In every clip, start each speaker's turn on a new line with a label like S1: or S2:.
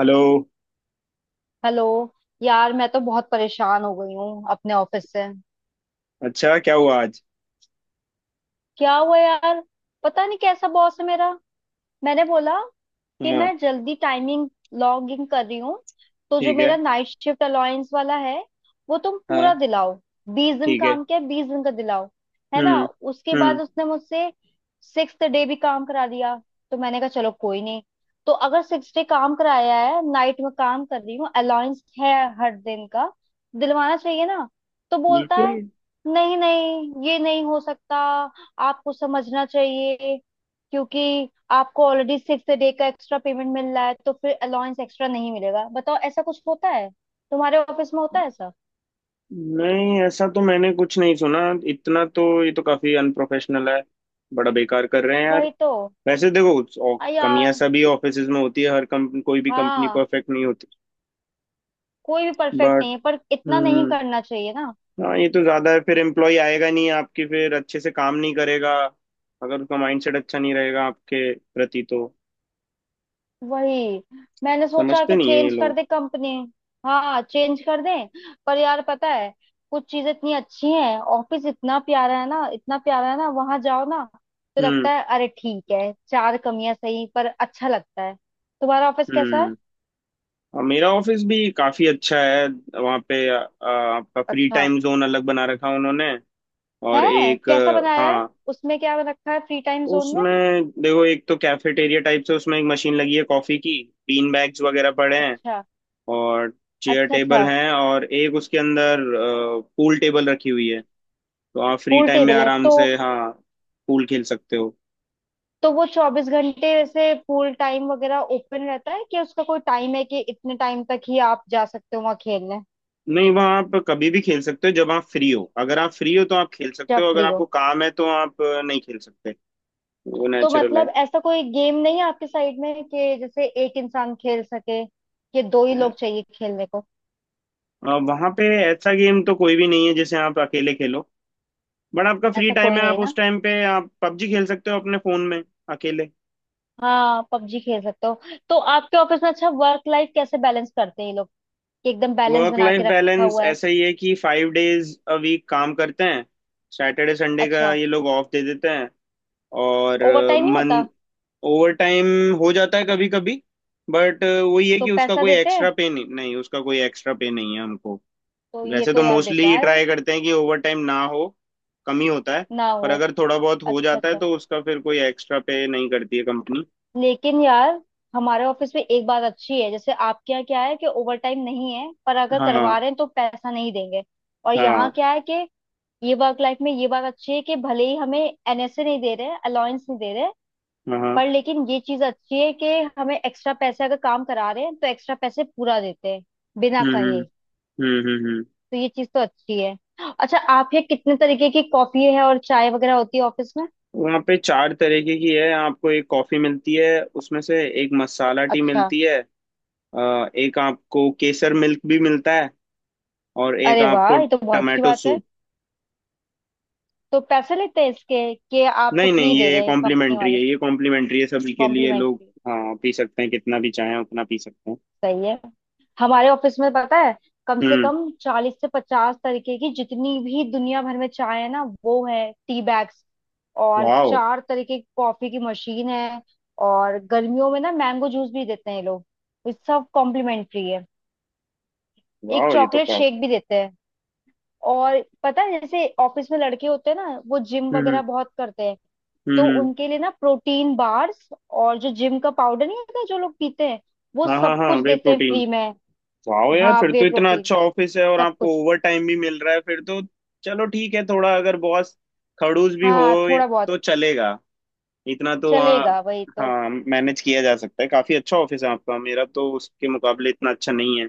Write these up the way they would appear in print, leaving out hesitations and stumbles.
S1: Hello.
S2: Hello. यार मैं तो बहुत परेशान हो गई हूँ अपने ऑफिस से।
S1: अच्छा, क्या हुआ आज?
S2: क्या हुआ यार, पता नहीं कैसा बॉस है मेरा। मैंने बोला कि
S1: हाँ।
S2: मैं जल्दी टाइमिंग लॉग इन कर रही हूँ, तो जो
S1: ठीक है।
S2: मेरा नाइट शिफ्ट अलाउंस वाला है वो तुम पूरा
S1: हाँ।
S2: दिलाओ। 20 दिन
S1: ठीक है।
S2: काम किया, 20 दिन का दिलाओ, है ना।
S1: हम्म।
S2: उसके बाद
S1: हम्म।
S2: उसने मुझसे 6 डे भी काम करा दिया, तो मैंने कहा चलो कोई नहीं। तो अगर 6 डे काम कराया है, नाइट में काम कर रही हूँ, अलाउंस है हर दिन का दिलवाना चाहिए ना। तो बोलता
S1: बिल्कुल।
S2: है नहीं नहीं ये नहीं हो सकता, आपको समझना चाहिए, क्योंकि आपको ऑलरेडी 6 डे का एक्स्ट्रा पेमेंट मिल रहा है तो फिर अलाउंस एक्स्ट्रा नहीं मिलेगा। बताओ ऐसा कुछ होता है? तुम्हारे ऑफिस में होता है ऐसा?
S1: नहीं, ऐसा तो मैंने कुछ नहीं सुना। इतना तो ये तो काफी अनप्रोफेशनल है। बड़ा बेकार कर रहे हैं यार।
S2: वही तो।
S1: वैसे देखो,
S2: आ
S1: कमियां
S2: यार।
S1: सभी ऑफिसेज में होती है, हर कंपनी, कोई भी कंपनी
S2: हाँ,
S1: परफेक्ट नहीं होती।
S2: कोई भी परफेक्ट
S1: बट।
S2: नहीं है पर इतना नहीं
S1: हम्म।
S2: करना चाहिए ना।
S1: हाँ, ये तो ज्यादा है। फिर एम्प्लॉय आएगा नहीं आपकी, फिर अच्छे से काम नहीं करेगा। अगर उसका माइंडसेट अच्छा नहीं रहेगा आपके प्रति, तो
S2: वही, मैंने सोचा
S1: समझते
S2: कि
S1: नहीं है ये
S2: चेंज कर
S1: लोग।
S2: दे कंपनी। हाँ चेंज कर दें, पर यार पता है, कुछ चीजें इतनी अच्छी हैं, ऑफिस इतना प्यारा है ना, इतना प्यारा है ना, वहां जाओ ना तो
S1: हम्म।
S2: लगता है अरे ठीक है, चार कमियां सही पर अच्छा लगता है। तुम्हारा ऑफिस कैसा है?
S1: हम्म। हाँ, मेरा ऑफिस भी काफी अच्छा है। वहाँ पे आपका फ्री
S2: अच्छा।
S1: टाइम जोन अलग बना रखा उन्होंने। और
S2: है?
S1: एक
S2: कैसा बनाया है?
S1: हाँ।
S2: उसमें क्या रखा है फ्री टाइम जोन में?
S1: उसमें देखो, एक तो कैफेटेरिया टाइप से, उसमें एक मशीन लगी है कॉफी की। बीन बैग्स वगैरह पड़े हैं।
S2: अच्छा
S1: और चेयर
S2: अच्छा।
S1: टेबल
S2: अच्छा।
S1: हैं, और एक उसके अंदर पूल टेबल रखी हुई है। तो आप फ्री
S2: पूल
S1: टाइम में
S2: टेबल है
S1: आराम
S2: तो
S1: से, हाँ, पूल खेल सकते हो।
S2: तो वो 24 घंटे वैसे पूल टाइम वगैरह ओपन रहता है, कि उसका कोई टाइम है कि इतने टाइम तक ही आप जा सकते हो वहाँ खेलने?
S1: नहीं, वहाँ आप कभी भी खेल सकते हो, जब आप फ्री हो। अगर आप फ्री हो तो आप खेल सकते
S2: जब
S1: हो, अगर
S2: फ्री हो।
S1: आपको काम है तो आप नहीं खेल सकते। वो
S2: तो
S1: नेचुरल
S2: मतलब ऐसा कोई गेम नहीं है आपके साइड में कि जैसे एक इंसान खेल सके, कि दो ही
S1: है।
S2: लोग चाहिए खेलने को?
S1: वहां पे ऐसा गेम तो कोई भी नहीं है जिसे आप अकेले खेलो। बट आपका फ्री
S2: ऐसा
S1: टाइम
S2: कोई
S1: है, आप
S2: नहीं
S1: उस
S2: ना।
S1: टाइम पे आप पबजी खेल सकते हो अपने फोन में अकेले।
S2: हाँ, पबजी खेल सकते हो। तो आपके ऑफिस में अच्छा वर्क लाइफ कैसे बैलेंस करते हैं ये लोग? कि एकदम बैलेंस
S1: वर्क
S2: बना
S1: लाइफ
S2: के रखा
S1: बैलेंस
S2: हुआ है।
S1: ऐसा ही है कि 5 डेज अ वीक काम करते हैं। सैटरडे संडे का
S2: अच्छा।
S1: ये लोग ऑफ दे देते हैं। और
S2: ओवर टाइम नहीं
S1: मन।
S2: होता?
S1: ओवर टाइम हो जाता है कभी कभी। बट वही है
S2: तो
S1: कि उसका
S2: पैसा
S1: कोई
S2: देते
S1: एक्स्ट्रा
S2: हैं?
S1: पे नहीं, नहीं उसका कोई एक्स्ट्रा पे नहीं है हमको।
S2: तो ये
S1: वैसे
S2: तो
S1: तो
S2: यार
S1: मोस्टली
S2: बेकार है।
S1: ट्राई करते हैं कि ओवर टाइम ना हो, कम ही होता है।
S2: ना
S1: पर
S2: हो।
S1: अगर थोड़ा बहुत हो
S2: अच्छा
S1: जाता है
S2: अच्छा।
S1: तो उसका फिर कोई एक्स्ट्रा पे नहीं करती है कंपनी।
S2: लेकिन यार, हमारे ऑफिस में एक बात अच्छी है, जैसे आपके यहाँ क्या है कि ओवर टाइम नहीं है पर अगर
S1: हाँ
S2: करवा रहे हैं तो पैसा नहीं देंगे। और
S1: हाँ
S2: यहाँ क्या है कि ये वर्क लाइफ में ये बात अच्छी है, कि भले ही हमें एनएसए नहीं दे रहे हैं, अलाउंस नहीं दे रहे हैं,
S1: हाँ।
S2: पर लेकिन ये चीज अच्छी है कि हमें एक्स्ट्रा पैसे अगर काम करा रहे हैं तो एक्स्ट्रा पैसे पूरा देते हैं, बिना
S1: हम्म हम्म
S2: कहे।
S1: हम्म हम्म हम्म।
S2: तो ये चीज तो अच्छी है। अच्छा, आप ये कितने तरीके की कॉफी है और चाय वगैरह होती है ऑफिस में?
S1: वहाँ पे चार तरीके की है, आपको एक कॉफी मिलती है उसमें से, एक मसाला टी
S2: अच्छा।
S1: मिलती है। एक आपको केसर मिल्क भी मिलता है। और एक
S2: अरे
S1: आपको
S2: वाह, ये तो बहुत अच्छी
S1: टमाटो
S2: बात है।
S1: सूप।
S2: तो पैसे लेते हैं इसके, कि आपको
S1: नहीं
S2: फ्री
S1: नहीं,
S2: दे
S1: ये
S2: रहे हैं कंपनी
S1: कॉम्प्लीमेंट्री
S2: वाले?
S1: है, ये कॉम्प्लीमेंट्री है सभी के लिए लोग।
S2: कॉम्प्लीमेंट्री।
S1: हाँ, पी सकते हैं, कितना भी चाहें उतना पी सकते हैं।
S2: सही है। हमारे ऑफिस में पता है, कम से
S1: हम्म।
S2: कम 40 से 50 तरीके की, जितनी भी दुनिया भर में चाय है ना वो है टी बैग्स। और
S1: वाह।
S2: चार तरीके की कॉफी की मशीन है। और गर्मियों में ना मैंगो जूस भी देते हैं ये लोग। ये सब कॉम्प्लीमेंट्री है। एक
S1: वाह, ये तो
S2: चॉकलेट
S1: का।
S2: शेक भी देते हैं। और पता है जैसे ऑफिस में लड़के होते हैं ना, वो जिम
S1: हम्म।
S2: वगैरह बहुत करते हैं, तो
S1: हम्म।
S2: उनके लिए ना प्रोटीन बार्स, और जो जिम का पाउडर नहीं होता जो लोग पीते हैं, वो
S1: हाँ हाँ
S2: सब
S1: हाँ,
S2: कुछ
S1: वे
S2: देते हैं
S1: प्रोटीन।
S2: फ्री में।
S1: वाह यार,
S2: हाँ,
S1: फिर
S2: वे
S1: तो इतना
S2: प्रोटीन,
S1: अच्छा ऑफिस है और
S2: सब
S1: आपको
S2: कुछ।
S1: ओवर टाइम भी मिल रहा है, फिर तो चलो ठीक है, थोड़ा अगर बॉस खड़ूस भी हो
S2: हाँ थोड़ा बहुत।
S1: तो चलेगा। इतना तो
S2: चलेगा वही तो।
S1: हाँ, मैनेज किया जा सकता है, काफी अच्छा ऑफिस है आपका। मेरा तो उसके मुकाबले इतना अच्छा नहीं है।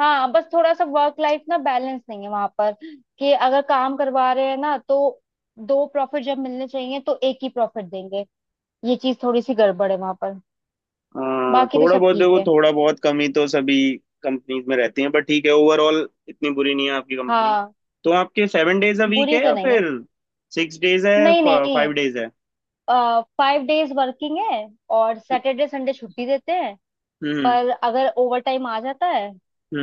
S2: हाँ बस थोड़ा सा वर्क लाइफ ना बैलेंस नहीं है वहां पर, कि अगर काम करवा रहे हैं ना तो दो प्रॉफिट जब मिलने चाहिए तो एक ही प्रॉफिट देंगे। ये चीज थोड़ी सी गड़बड़ है वहां पर। बाकी तो
S1: थोड़ा
S2: सब
S1: बहुत
S2: ठीक
S1: देखो,
S2: है।
S1: थोड़ा बहुत कमी तो सभी कंपनीज में रहती है, बट ठीक है, ओवरऑल इतनी बुरी नहीं है आपकी कंपनी।
S2: हाँ।
S1: तो आपके 7 डेज अ वीक
S2: बुरी
S1: है,
S2: तो
S1: या
S2: नहीं है।
S1: फिर 6 डेज है,
S2: नहीं नहीं,
S1: 5 डेज है?
S2: 5 डेज वर्किंग है और सैटरडे संडे छुट्टी देते हैं।
S1: हम्म
S2: पर अगर ओवर टाइम आ जाता है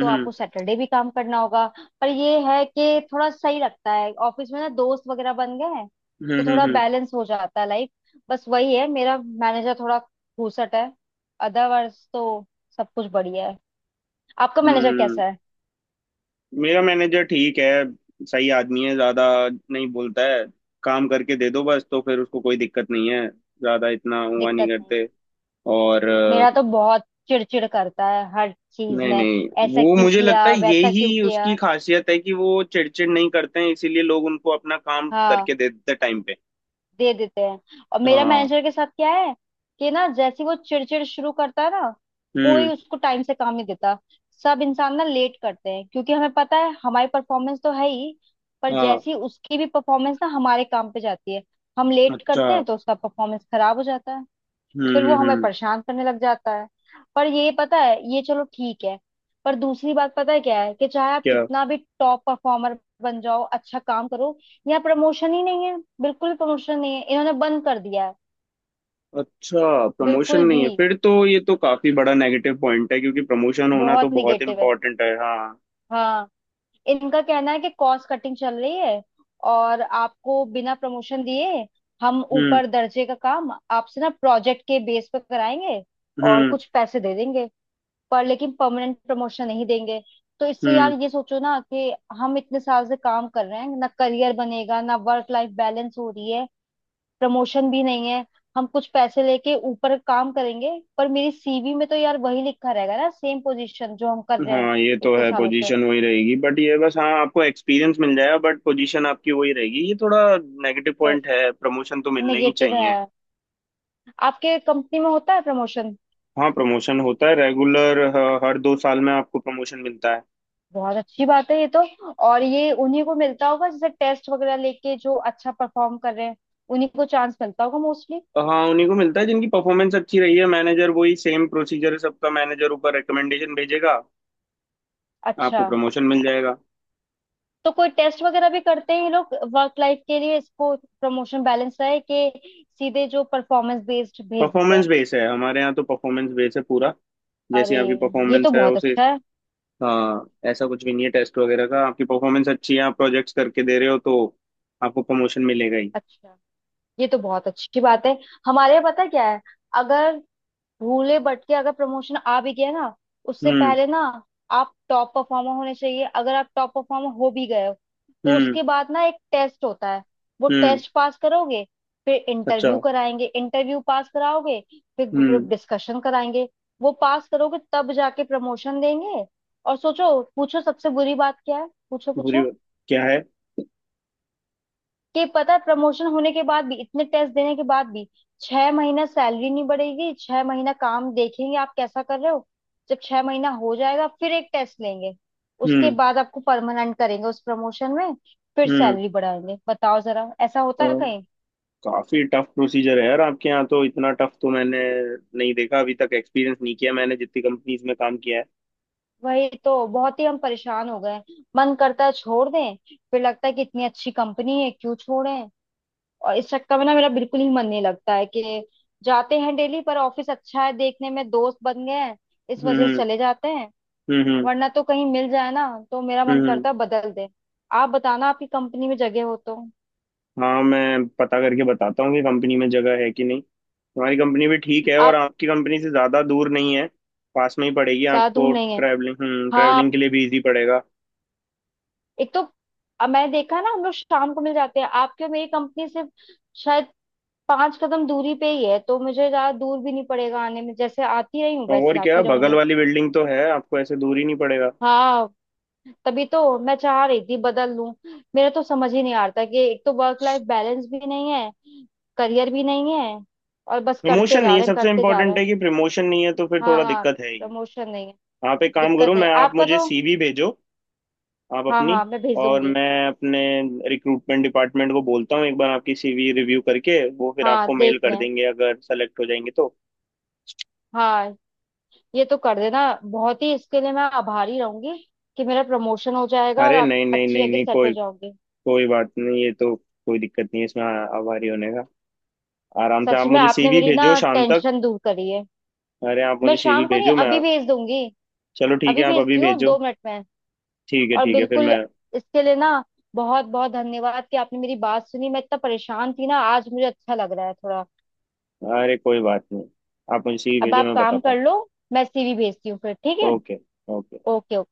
S2: तो
S1: हम्म
S2: आपको सैटरडे भी काम करना होगा। पर ये है कि थोड़ा सही लगता है, ऑफिस में ना दोस्त वगैरह बन गए हैं, तो
S1: हम्म
S2: थोड़ा
S1: हम्म।
S2: बैलेंस हो जाता है लाइफ। बस वही है, मेरा मैनेजर थोड़ा घूसट है, अदरवाइज तो सब कुछ बढ़िया है। आपका मैनेजर
S1: हम्म, हम्म।
S2: कैसा है?
S1: मेरा मैनेजर ठीक है, सही आदमी है, ज्यादा नहीं बोलता है। काम करके दे दो बस, तो फिर उसको कोई दिक्कत नहीं है, ज्यादा इतना हुआ नहीं
S2: दिक्कत नहीं
S1: करते।
S2: है।
S1: और
S2: मेरा तो बहुत चिड़चिड़ करता है हर चीज
S1: नहीं
S2: में,
S1: नहीं,
S2: ऐसा
S1: वो
S2: क्यों
S1: मुझे लगता है
S2: किया, वैसा क्यों
S1: यही उसकी
S2: किया।
S1: खासियत है कि वो चिड़चिड़ नहीं करते हैं, इसीलिए लोग उनको अपना काम
S2: हाँ
S1: करके दे देते टाइम पे।
S2: दे देते हैं। और मेरा
S1: हाँ।
S2: मैनेजर के साथ क्या है कि ना जैसे ही वो चिड़चिड़ शुरू करता है ना, कोई
S1: हम्म।
S2: उसको टाइम से काम नहीं देता। सब इंसान ना लेट करते हैं, क्योंकि हमें पता है हमारी परफॉर्मेंस तो है ही, पर
S1: हाँ।
S2: जैसी उसकी भी परफॉर्मेंस ना हमारे काम पे जाती है। हम लेट
S1: अच्छा।
S2: करते हैं तो उसका परफॉर्मेंस खराब हो जाता है। फिर वो हमें
S1: हम्म।
S2: परेशान करने लग जाता है। पर ये पता है ये, चलो ठीक है। पर दूसरी बात पता है क्या है, कि चाहे आप
S1: क्या?
S2: कितना भी टॉप परफॉर्मर बन जाओ, अच्छा काम करो, यहाँ प्रमोशन ही नहीं है। बिल्कुल प्रमोशन नहीं है, इन्होंने बंद कर दिया है।
S1: अच्छा, प्रमोशन
S2: बिल्कुल
S1: नहीं
S2: भी।
S1: है? फिर तो ये तो काफी बड़ा नेगेटिव पॉइंट है, क्योंकि प्रमोशन होना तो
S2: बहुत
S1: बहुत
S2: निगेटिव है।
S1: इम्पोर्टेंट है, हाँ।
S2: हाँ। इनका कहना है कि कॉस्ट कटिंग चल रही है, और आपको बिना प्रमोशन दिए हम
S1: हम्म
S2: ऊपर दर्जे का काम आपसे ना प्रोजेक्ट के बेस पर कराएंगे और
S1: हम्म
S2: कुछ पैसे दे देंगे, पर लेकिन परमानेंट प्रमोशन नहीं देंगे। तो इससे
S1: हम्म।
S2: यार ये सोचो ना कि हम इतने साल से काम कर रहे हैं, ना करियर बनेगा, ना वर्क लाइफ बैलेंस हो रही है, प्रमोशन भी नहीं है, हम कुछ पैसे लेके ऊपर काम करेंगे, पर मेरी सीवी में तो यार वही लिखा रहेगा ना, सेम पोजीशन जो हम कर रहे हैं
S1: हाँ, ये तो
S2: इतने
S1: है,
S2: सालों से।
S1: पोजीशन वही रहेगी, बट ये बस, हाँ, आपको एक्सपीरियंस मिल जाएगा, बट पोजीशन आपकी वही रहेगी, ये थोड़ा नेगेटिव पॉइंट है, प्रमोशन तो मिलने ही
S2: नेगेटिव
S1: चाहिए।
S2: है। आपके कंपनी में होता है प्रमोशन?
S1: हाँ, प्रमोशन होता है रेगुलर। हर 2 साल में आपको प्रमोशन मिलता है।
S2: बहुत अच्छी बात है ये तो। और ये उन्हीं को मिलता होगा जैसे टेस्ट वगैरह लेके जो अच्छा परफॉर्म कर रहे हैं, उन्हीं को चांस मिलता होगा मोस्टली?
S1: हाँ, उन्हीं को मिलता है जिनकी परफॉर्मेंस अच्छी रही है, मैनेजर, वही सेम प्रोसीजर है सबका, मैनेजर ऊपर रिकमेंडेशन भेजेगा, आपको
S2: अच्छा।
S1: प्रमोशन मिल जाएगा।
S2: तो कोई टेस्ट वगैरह भी करते हैं ये लोग वर्क लाइफ के लिए इसको प्रमोशन बैलेंस रहे, कि सीधे जो परफॉर्मेंस बेस्ड भेज देते
S1: परफॉर्मेंस
S2: हैं?
S1: बेस है हमारे यहाँ, तो परफॉर्मेंस बेस है पूरा, जैसी
S2: अरे,
S1: आपकी
S2: ये तो
S1: परफॉर्मेंस है
S2: बहुत
S1: उसे।
S2: अच्छा है।
S1: हाँ, ऐसा कुछ भी नहीं है टेस्ट वगैरह का, आपकी परफॉर्मेंस अच्छी है, आप प्रोजेक्ट्स करके दे रहे हो तो आपको प्रमोशन मिलेगा ही।
S2: अच्छा। ये तो बहुत अच्छी बात है। हमारे यहाँ पता है क्या है, अगर भूले भटके अगर प्रमोशन आ भी गया ना, उससे
S1: हम्म
S2: पहले ना आप टॉप परफॉर्मर होने चाहिए। अगर आप टॉप परफॉर्मर हो भी गए हो, तो
S1: हम्म
S2: उसके बाद ना एक टेस्ट होता है। वो
S1: हम्म।
S2: टेस्ट पास करोगे, फिर
S1: अच्छा।
S2: इंटरव्यू कराएंगे, इंटरव्यू पास कराओगे, फिर ग्रुप
S1: हम्म।
S2: डिस्कशन कराएंगे, वो पास करोगे, तब जाके प्रमोशन देंगे। और सोचो, पूछो सबसे बुरी बात क्या है, पूछो
S1: बुरी
S2: पूछो।
S1: बात क्या है?
S2: कि पता है प्रमोशन होने के बाद भी, इतने टेस्ट देने के बाद भी, 6 महीना सैलरी नहीं बढ़ेगी। 6 महीना काम देखेंगे आप कैसा कर रहे हो। जब 6 महीना हो जाएगा फिर एक टेस्ट लेंगे, उसके
S1: हम्म।
S2: बाद आपको परमानेंट करेंगे उस प्रमोशन में, फिर
S1: हम्म।
S2: सैलरी बढ़ाएंगे। बताओ जरा ऐसा होता
S1: तो
S2: है कहीं?
S1: काफी टफ प्रोसीजर है यार आपके यहाँ, तो इतना टफ तो मैंने नहीं देखा अभी तक, एक्सपीरियंस नहीं किया मैंने जितनी कंपनीज में काम किया है।
S2: वही तो, बहुत ही हम परेशान हो गए हैं। मन करता है छोड़ दें, फिर लगता है कि इतनी अच्छी कंपनी है क्यों छोड़ें। और इस चक्कर में ना मेरा बिल्कुल ही मन नहीं लगता है, कि जाते हैं डेली, पर ऑफिस अच्छा है देखने में, दोस्त बन गए हैं, इस वजह से
S1: हम्म
S2: चले जाते हैं।
S1: हम्म हम्म
S2: वरना तो कहीं मिल जाए ना, तो मेरा मन
S1: हम्म।
S2: करता है बदल दे। आप बताना आपकी कंपनी में जगह हो तो।
S1: हाँ, मैं पता करके बताता हूँ कि कंपनी में जगह है कि नहीं। हमारी कंपनी भी ठीक है, और
S2: आप।
S1: आपकी कंपनी से ज़्यादा दूर नहीं है, पास में ही पड़ेगी
S2: ज्यादा दूर
S1: आपको।
S2: नहीं है।
S1: ट्रैवलिंग, हम्म,
S2: हाँ
S1: ट्रैवलिंग के लिए भी इजी पड़ेगा।
S2: एक तो, अब मैंने देखा है ना हम लोग शाम को मिल जाते हैं। आपके और मेरी कंपनी सिर्फ शायद 5 कदम दूरी पे ही है, तो मुझे ज्यादा दूर भी नहीं पड़ेगा आने में, जैसे आती रही हूँ
S1: और
S2: वैसे
S1: क्या,
S2: आती
S1: बगल
S2: रहूंगी।
S1: वाली बिल्डिंग तो है, आपको ऐसे दूर ही नहीं पड़ेगा।
S2: हाँ। तभी तो मैं चाह रही थी बदल लूं। मेरा तो समझ ही नहीं आ रहा था, कि एक तो वर्क लाइफ बैलेंस भी नहीं है, करियर भी नहीं है, और बस करते
S1: प्रमोशन
S2: जा
S1: नहीं है,
S2: रहे हैं
S1: सबसे
S2: करते जा रहे
S1: इम्पोर्टेंट है
S2: हैं।
S1: कि प्रमोशन नहीं है, तो फिर थोड़ा
S2: हाँ
S1: दिक्कत है ही।
S2: प्रमोशन नहीं है,
S1: आप एक काम
S2: दिक्कत
S1: करो,
S2: नहीं है।
S1: मैं आप
S2: आपका
S1: मुझे
S2: तो।
S1: सीवी भेजो, आप
S2: हाँ
S1: अपनी,
S2: हाँ मैं
S1: और
S2: भेजूंगी।
S1: मैं अपने रिक्रूटमेंट डिपार्टमेंट को बोलता हूँ, एक बार आपकी सीवी रिव्यू करके वो फिर
S2: हाँ
S1: आपको मेल
S2: देख
S1: कर
S2: लें।
S1: देंगे, अगर सेलेक्ट हो जाएंगे तो।
S2: हाँ, ये तो कर देना, बहुत ही इसके लिए मैं आभारी रहूंगी, कि मेरा प्रमोशन हो जाएगा और
S1: अरे
S2: आप
S1: नहीं नहीं
S2: अच्छी
S1: नहीं
S2: जगह
S1: नहीं,
S2: सेट हो
S1: कोई
S2: जाओगे।
S1: कोई बात नहीं, ये तो कोई दिक्कत नहीं है इसमें आभारी होने का। आराम से आप
S2: सच में
S1: मुझे
S2: आपने
S1: सीवी
S2: मेरी ना
S1: भेजो शाम तक।
S2: टेंशन दूर करी है।
S1: अरे, आप
S2: मैं
S1: मुझे सीवी
S2: शाम को नहीं
S1: भेजो, मैं।
S2: अभी भेज दूंगी।
S1: चलो ठीक है,
S2: अभी
S1: आप अभी
S2: भेजती हूँ
S1: भेजो।
S2: 2 मिनट में।
S1: ठीक है,
S2: और
S1: ठीक है, फिर
S2: बिल्कुल,
S1: मैं।
S2: इसके लिए ना बहुत बहुत धन्यवाद, कि आपने मेरी बात सुनी, मैं इतना परेशान थी ना आज, मुझे अच्छा लग रहा है थोड़ा।
S1: अरे कोई बात नहीं, आप मुझे सीवी
S2: अब
S1: भेजो,
S2: आप
S1: मैं
S2: काम
S1: बताता
S2: कर
S1: हूँ।
S2: लो, मैं सीवी भेजती हूँ फिर, ठीक है?
S1: ओके। ओके।
S2: Okay, okay.